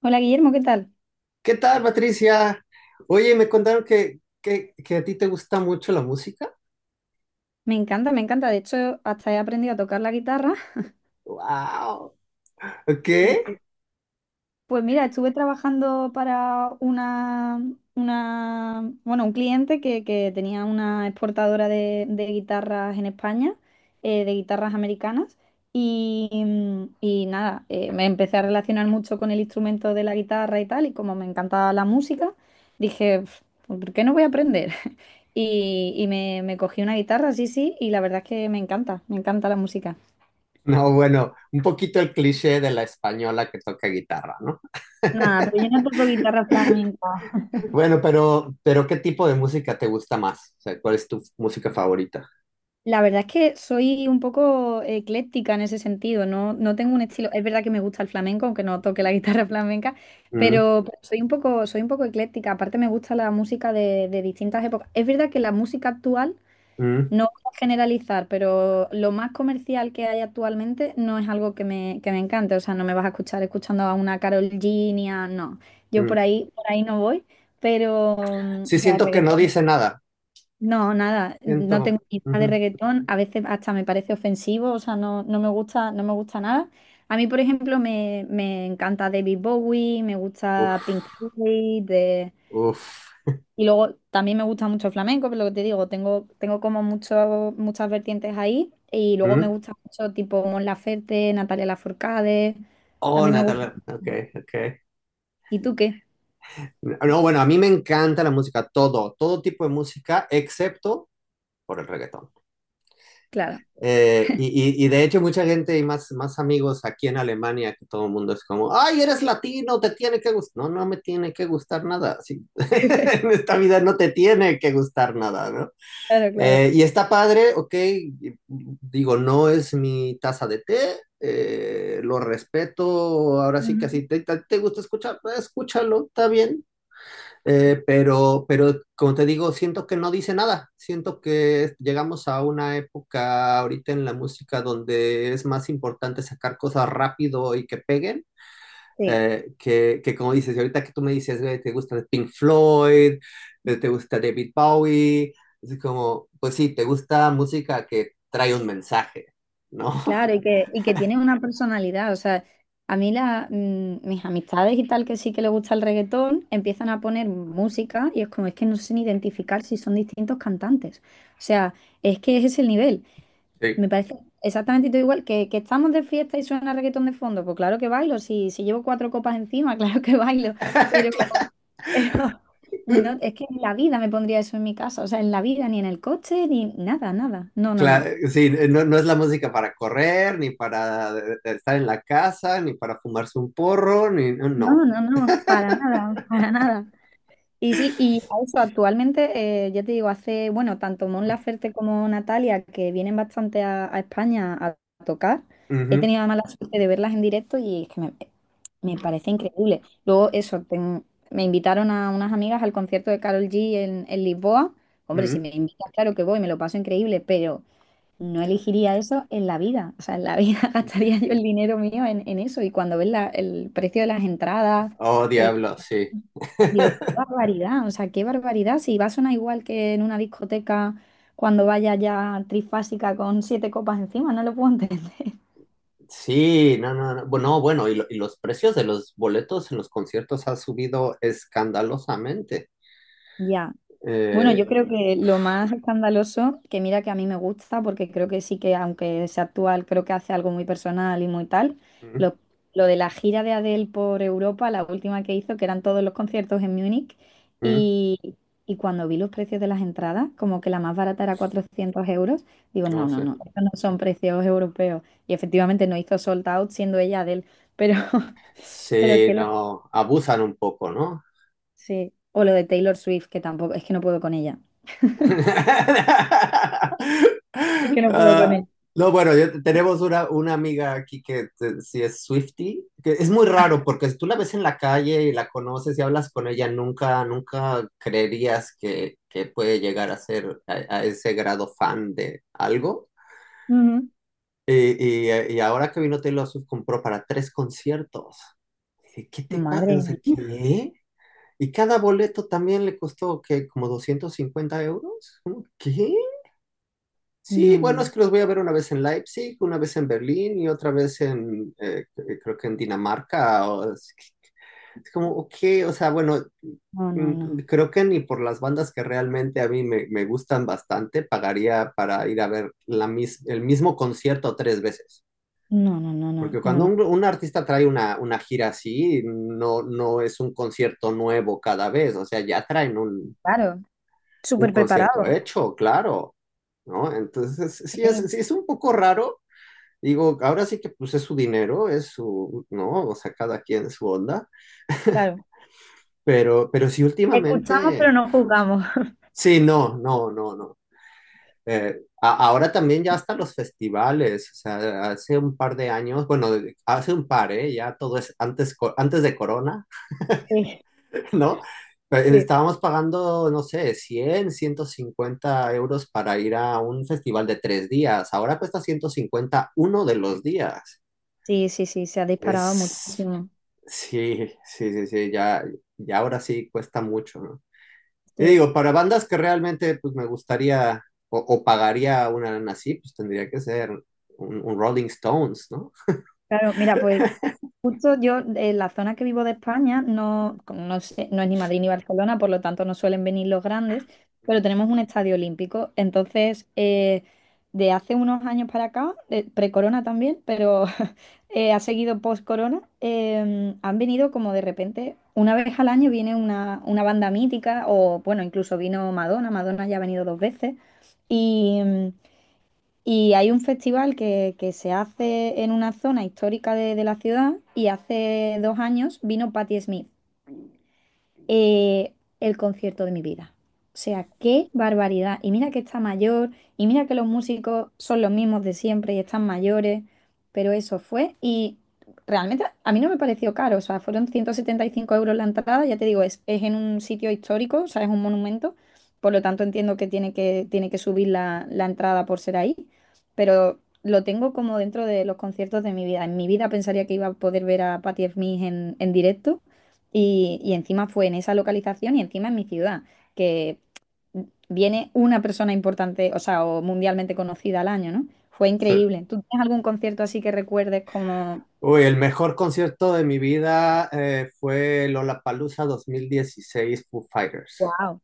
Hola Guillermo, ¿qué tal? ¿Qué tal, Patricia? Oye, me contaron que a ti te gusta mucho la música. Me encanta, me encanta. De hecho, hasta he aprendido a tocar la guitarra. ¡Wow! ¿Ok? Sí, sí. Pues mira, estuve trabajando para un cliente que tenía una exportadora de guitarras en España, de guitarras americanas. Y, y nada, me empecé a relacionar mucho con el instrumento de la guitarra y tal. Y como me encantaba la música, dije, "Pf, pues, ¿por qué no voy a aprender? Me cogí una guitarra, sí, sí, y la verdad es que me encanta la música. No, bueno, un poquito el cliché de la española que toca guitarra, ¿no? Nada, pero yo no toco guitarra flamenca. Bueno, pero ¿qué tipo de música te gusta más? O sea, ¿cuál es tu música favorita? La verdad es que soy un poco ecléctica en ese sentido, no, no tengo un estilo. Es verdad que me gusta el flamenco, aunque no toque la guitarra flamenca, Mm, pero soy un poco ecléctica. Aparte me gusta la música de distintas épocas. Es verdad que la música actual, mm, no voy a generalizar, pero lo más comercial que hay actualmente no es algo que me encante. O sea, no me vas a escuchar escuchando a una Karol G, ni a- no. Yo mm. Por ahí no voy, pero Sí, o sea, siento que no reggaetón. dice nada. No, nada, no Siento. tengo ni idea de Ujú. reggaetón, a veces hasta me parece ofensivo, o sea, no, no me gusta, no me gusta nada. A mí, por ejemplo, me encanta David Bowie, me gusta Pink Uf, Floyd, de- uf. y luego también me gusta mucho el flamenco, pero lo que te digo, tengo, tengo como mucho, muchas vertientes ahí, y luego me Mm. gusta mucho tipo Mon Laferte, Natalia Lafourcade, Oh, también me gusta. Natalia. Ok, ok. ¿Y tú qué? No, bueno, a mí me encanta la música, todo tipo de música, excepto por el reggaetón. Claro. Y de hecho mucha gente y más amigos aquí en Alemania, que todo el mundo es como, ay, eres latino, te tiene que gustar. No, no me tiene que gustar nada. Sí. En esta vida no te tiene que gustar nada, ¿no? Claro, claro. Y está padre, ok, digo, no es mi taza de té, lo respeto, ahora sí que Ujú. así te gusta escuchar, pues, escúchalo, está bien, pero como te digo, siento que no dice nada. Siento que llegamos a una época ahorita en la música donde es más importante sacar cosas rápido y que peguen. Sí. Que como dices, y ahorita que tú me dices, "Güey, te gusta Pink Floyd, te gusta David Bowie", es como, pues sí, te gusta música que trae un mensaje, ¿no? Y que tiene una personalidad. O sea, a mí la, mm, mis amistades y tal que sí que les gusta el reggaetón empiezan a poner música y es como, es que no sé ni identificar si son distintos cantantes. O sea, es que es ese es el nivel. Sí. Me parece exactamente todo igual que estamos de fiesta y suena reggaetón de fondo. Pues claro que bailo, si llevo cuatro copas encima, claro que bailo. Pero, pero no, es que en la vida me pondría eso en mi casa. O sea, en la vida, ni en el coche, ni nada, nada. No, no, no. Claro, sí, no, no es la música para correr, ni para de estar en la casa, ni para fumarse un porro, ni no. No, No. no, no, para nada, para nada. Y sí, y a eso actualmente, ya te digo, hace, bueno, tanto Mon Laferte como Natalia, que vienen bastante a España a tocar, he Ujú, tenido además la mala suerte de verlas en directo y es que me parece increíble. Luego, eso, ten- me invitaron a unas amigas al concierto de Carol G en Lisboa. Hombre, si ujú. me invitas, claro que voy, me lo paso increíble, pero no elegiría eso en la vida. O sea, en la vida gastaría yo el dinero mío en eso. Y cuando ves la- el precio de las entradas Oh, eh, diablo, sí. digo, qué barbaridad, o sea, qué barbaridad. Si va a sonar igual que en una discoteca cuando vaya ya trifásica con siete copas encima, no lo puedo entender. Sí, no, no, no. Bueno, no, bueno, y los precios de los boletos en los conciertos ha subido escandalosamente. Ya, bueno, yo Eh, creo que lo más escandaloso, que mira que a mí me gusta, porque creo que sí que, aunque sea actual, creo que hace algo muy personal y muy tal, mm, lo, lo de la gira de Adele por Europa, la última que hizo, que eran todos los conciertos en Múnich, mm, y, y cuando vi los precios de las entradas, como que la más barata era 400 euros, digo, no, no no, sé. no, estos no son precios europeos. Y efectivamente no hizo sold out siendo ella Adele, pero, pero Sí, que lo... no, abusan un poco, ¿no? Sí, o lo de Taylor Swift, que tampoco, es que no puedo con ella. Es que no puedo con Ah, él. no, bueno, tenemos una amiga aquí que sí es Swiftie, que es muy raro porque si tú la ves en la calle y la conoces y hablas con ella, nunca, nunca creerías que puede llegar a ser a ese grado fan de algo. Ujú. Y ahora que vino Taylor Swift compró para tres conciertos. Dije, "¿qué te pasa? O Madre sea, mía. ¿qué?" Y cada boleto también le costó que como 250 euros. ¿Cómo? ¿Qué? Sí, No, no, bueno, es no. que los voy a ver una vez en Leipzig, una vez en Berlín y otra vez en, creo que en Dinamarca. Es como, ok, o sea, bueno, No, no, no. creo que ni por las bandas que realmente a mí me gustan bastante, pagaría para ir a ver el mismo concierto tres veces. No, no, no, no, Porque no, cuando no. un artista trae una gira así, no, no es un concierto nuevo cada vez, o sea, ya traen un, Claro. un Súper concierto preparado. hecho, claro. ¿No? Entonces, sí Sí, es, sí es un poco raro. Digo, ahora sí que pues es su dinero, es su, ¿no? O sea, cada quien su onda, claro. pero sí Escuchamos, últimamente, pero no juzgamos. sí, no, no, no, no. Ahora también ya hasta los festivales, o sea, hace un par de años, bueno, hace un par, ¿eh? Ya todo es antes, antes de Corona, Sí, ¿no? Sí. estábamos pagando, no sé, 100 150 euros para ir a un festival de 3 días. Ahora cuesta 150 uno de los días. Sí, sí, sí, se ha disparado Es muchísimo. Sí, sí, sí, sí, ya, ya ahora sí cuesta mucho, ¿no? Y Sí. digo, para bandas que realmente pues me gustaría o, pagaría una lana así, pues tendría que ser un Rolling Stones, ¿no? Claro, mira, pues justo yo, en la zona que vivo de España, no, no sé- no es ni Madrid ni Barcelona, por lo tanto no suelen venir los grandes, pero tenemos un estadio olímpico. Entonces, de hace unos años para acá, de- pre-corona también, pero ha seguido post-corona, han venido como de repente, una vez al año viene una banda mítica, o bueno, incluso vino Madonna, Madonna ya ha venido 2 veces. Y hay un festival que se hace en una zona histórica de la ciudad y hace 2 años vino Patti Smith, eh, el concierto de mi vida. O sea, qué barbaridad. Y mira que está mayor, y mira que los músicos son los mismos de siempre y están mayores, pero eso fue. Y realmente a mí no me pareció caro, o sea, fueron 175 euros la entrada, ya te digo, es en un sitio histórico, o sea, es un monumento, por lo tanto entiendo que tiene que subir la entrada por ser ahí, pero lo tengo como dentro de los conciertos de mi vida. En mi vida pensaría que iba a poder ver a Patti Smith en directo y encima fue en esa localización y encima en mi ciudad, que viene una persona importante, o sea, o mundialmente conocida al año, ¿no? Fue Sí. increíble. ¿Tú tienes algún concierto así que recuerdes como, Uy, el mejor concierto de mi vida fue Lollapalooza 2016 Foo Fighters. wow,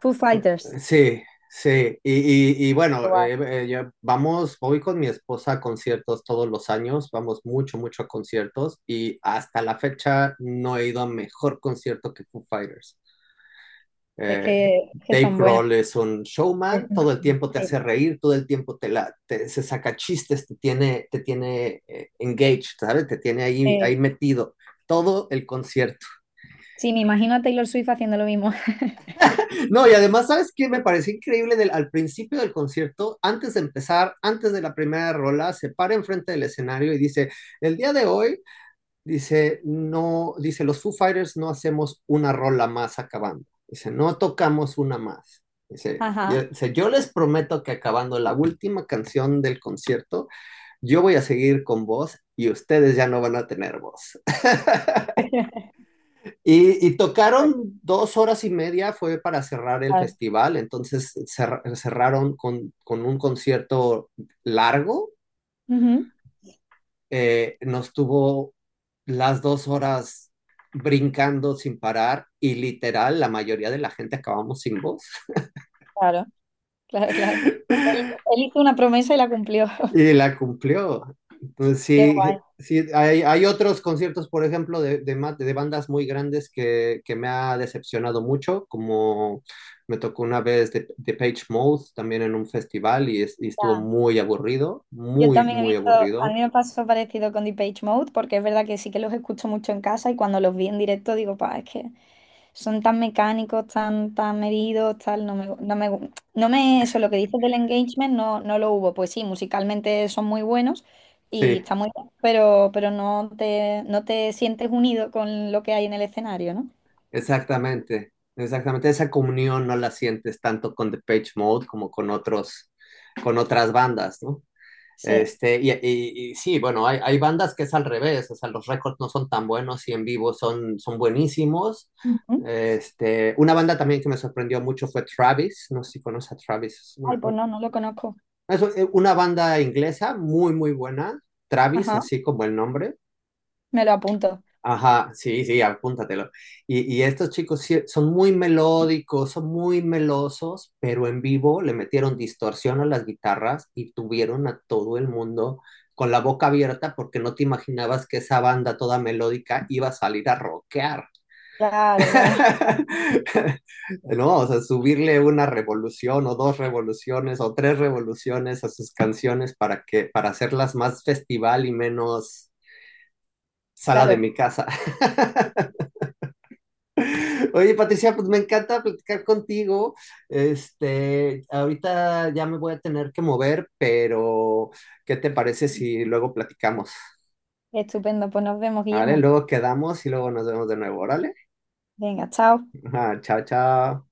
Foo Fue- Fighters? Sí, sí. Y bueno, Guau. Vamos, voy con mi esposa a conciertos todos los años, vamos mucho, mucho a conciertos y hasta la fecha no he ido a mejor concierto que Foo Fighters. Eh, Es que Dave son buenos. Grohl es un Es- showman, todo el tiempo te Sí, hace reír, todo el tiempo se saca chistes, te tiene engaged, ¿sabes? Te tiene ahí, eh, ahí metido todo el concierto. sí, me imagino a Taylor Swift haciendo lo mismo. No, y además, ¿sabes qué? Me pareció increíble al principio del concierto, antes de empezar, antes de la primera rola, se para enfrente del escenario y dice, "el día de hoy", dice, no, dice, "los Foo Fighters no hacemos una rola más acabando". Dice, "no tocamos una más". Dice, Ajá. yo, dice, "yo les prometo que acabando la última canción del concierto, yo voy a seguir con voz y ustedes ya no van a tener voz". Y tocaron 2 horas y media, fue para cerrar el Claro. festival, entonces cerraron con un concierto largo, Ujú, nos tuvo las 2 horas brincando sin parar y literal la mayoría de la gente acabamos sin voz. claro, claro, claro. Él, él hizo una promesa y la cumplió. Y la cumplió. Entonces, Qué sí, guay. sí hay otros conciertos, por ejemplo, de bandas muy grandes que me ha decepcionado mucho, como me tocó una vez de Page Mode también en un festival y, y estuvo muy aburrido, Yo muy, también he muy visto, a aburrido. mí me pasó parecido con Depeche Mode, porque es verdad que sí que los escucho mucho en casa y cuando los vi en directo digo, pa, es que son tan mecánicos, tan, tan medidos, tal, no me, no me, gu- no me, eso, lo que dices del engagement no, no lo hubo. Pues sí, musicalmente son muy buenos y Sí, está muy bien, pero no te, no te sientes unido con lo que hay en el escenario, ¿no? exactamente, exactamente. Esa comunión no la sientes tanto con The Page Mode como con otras bandas, ¿no? Sí. Y sí, bueno, hay bandas que es al revés, o sea, los récords no son tan buenos y en vivo son buenísimos. Ujú. Una banda también que me sorprendió mucho fue Travis, no sé si conoces a Travis, es Ay, pues no, no lo conozco. es una banda inglesa muy, muy buena, Travis, Ajá, así como el nombre. me lo apunto. Ajá, sí, sí, apúntatelo. Y estos chicos sí son muy melódicos, son muy melosos, pero en vivo le metieron distorsión a las guitarras y tuvieron a todo el mundo con la boca abierta porque no te imaginabas que esa banda toda melódica iba a salir a rockear. Claro, claro, No, o sea, subirle una revolución o dos revoluciones o tres revoluciones a sus canciones para para hacerlas más festival y menos sala de claro. mi casa. Oye, Patricia, pues me encanta platicar contigo. Ahorita ya me voy a tener que mover, pero ¿qué te parece si luego platicamos? Estupendo, pues nos vemos, Vale, Guillermo. luego quedamos y luego nos vemos de nuevo, órale. Venga, chao. Ajá, chao, chao.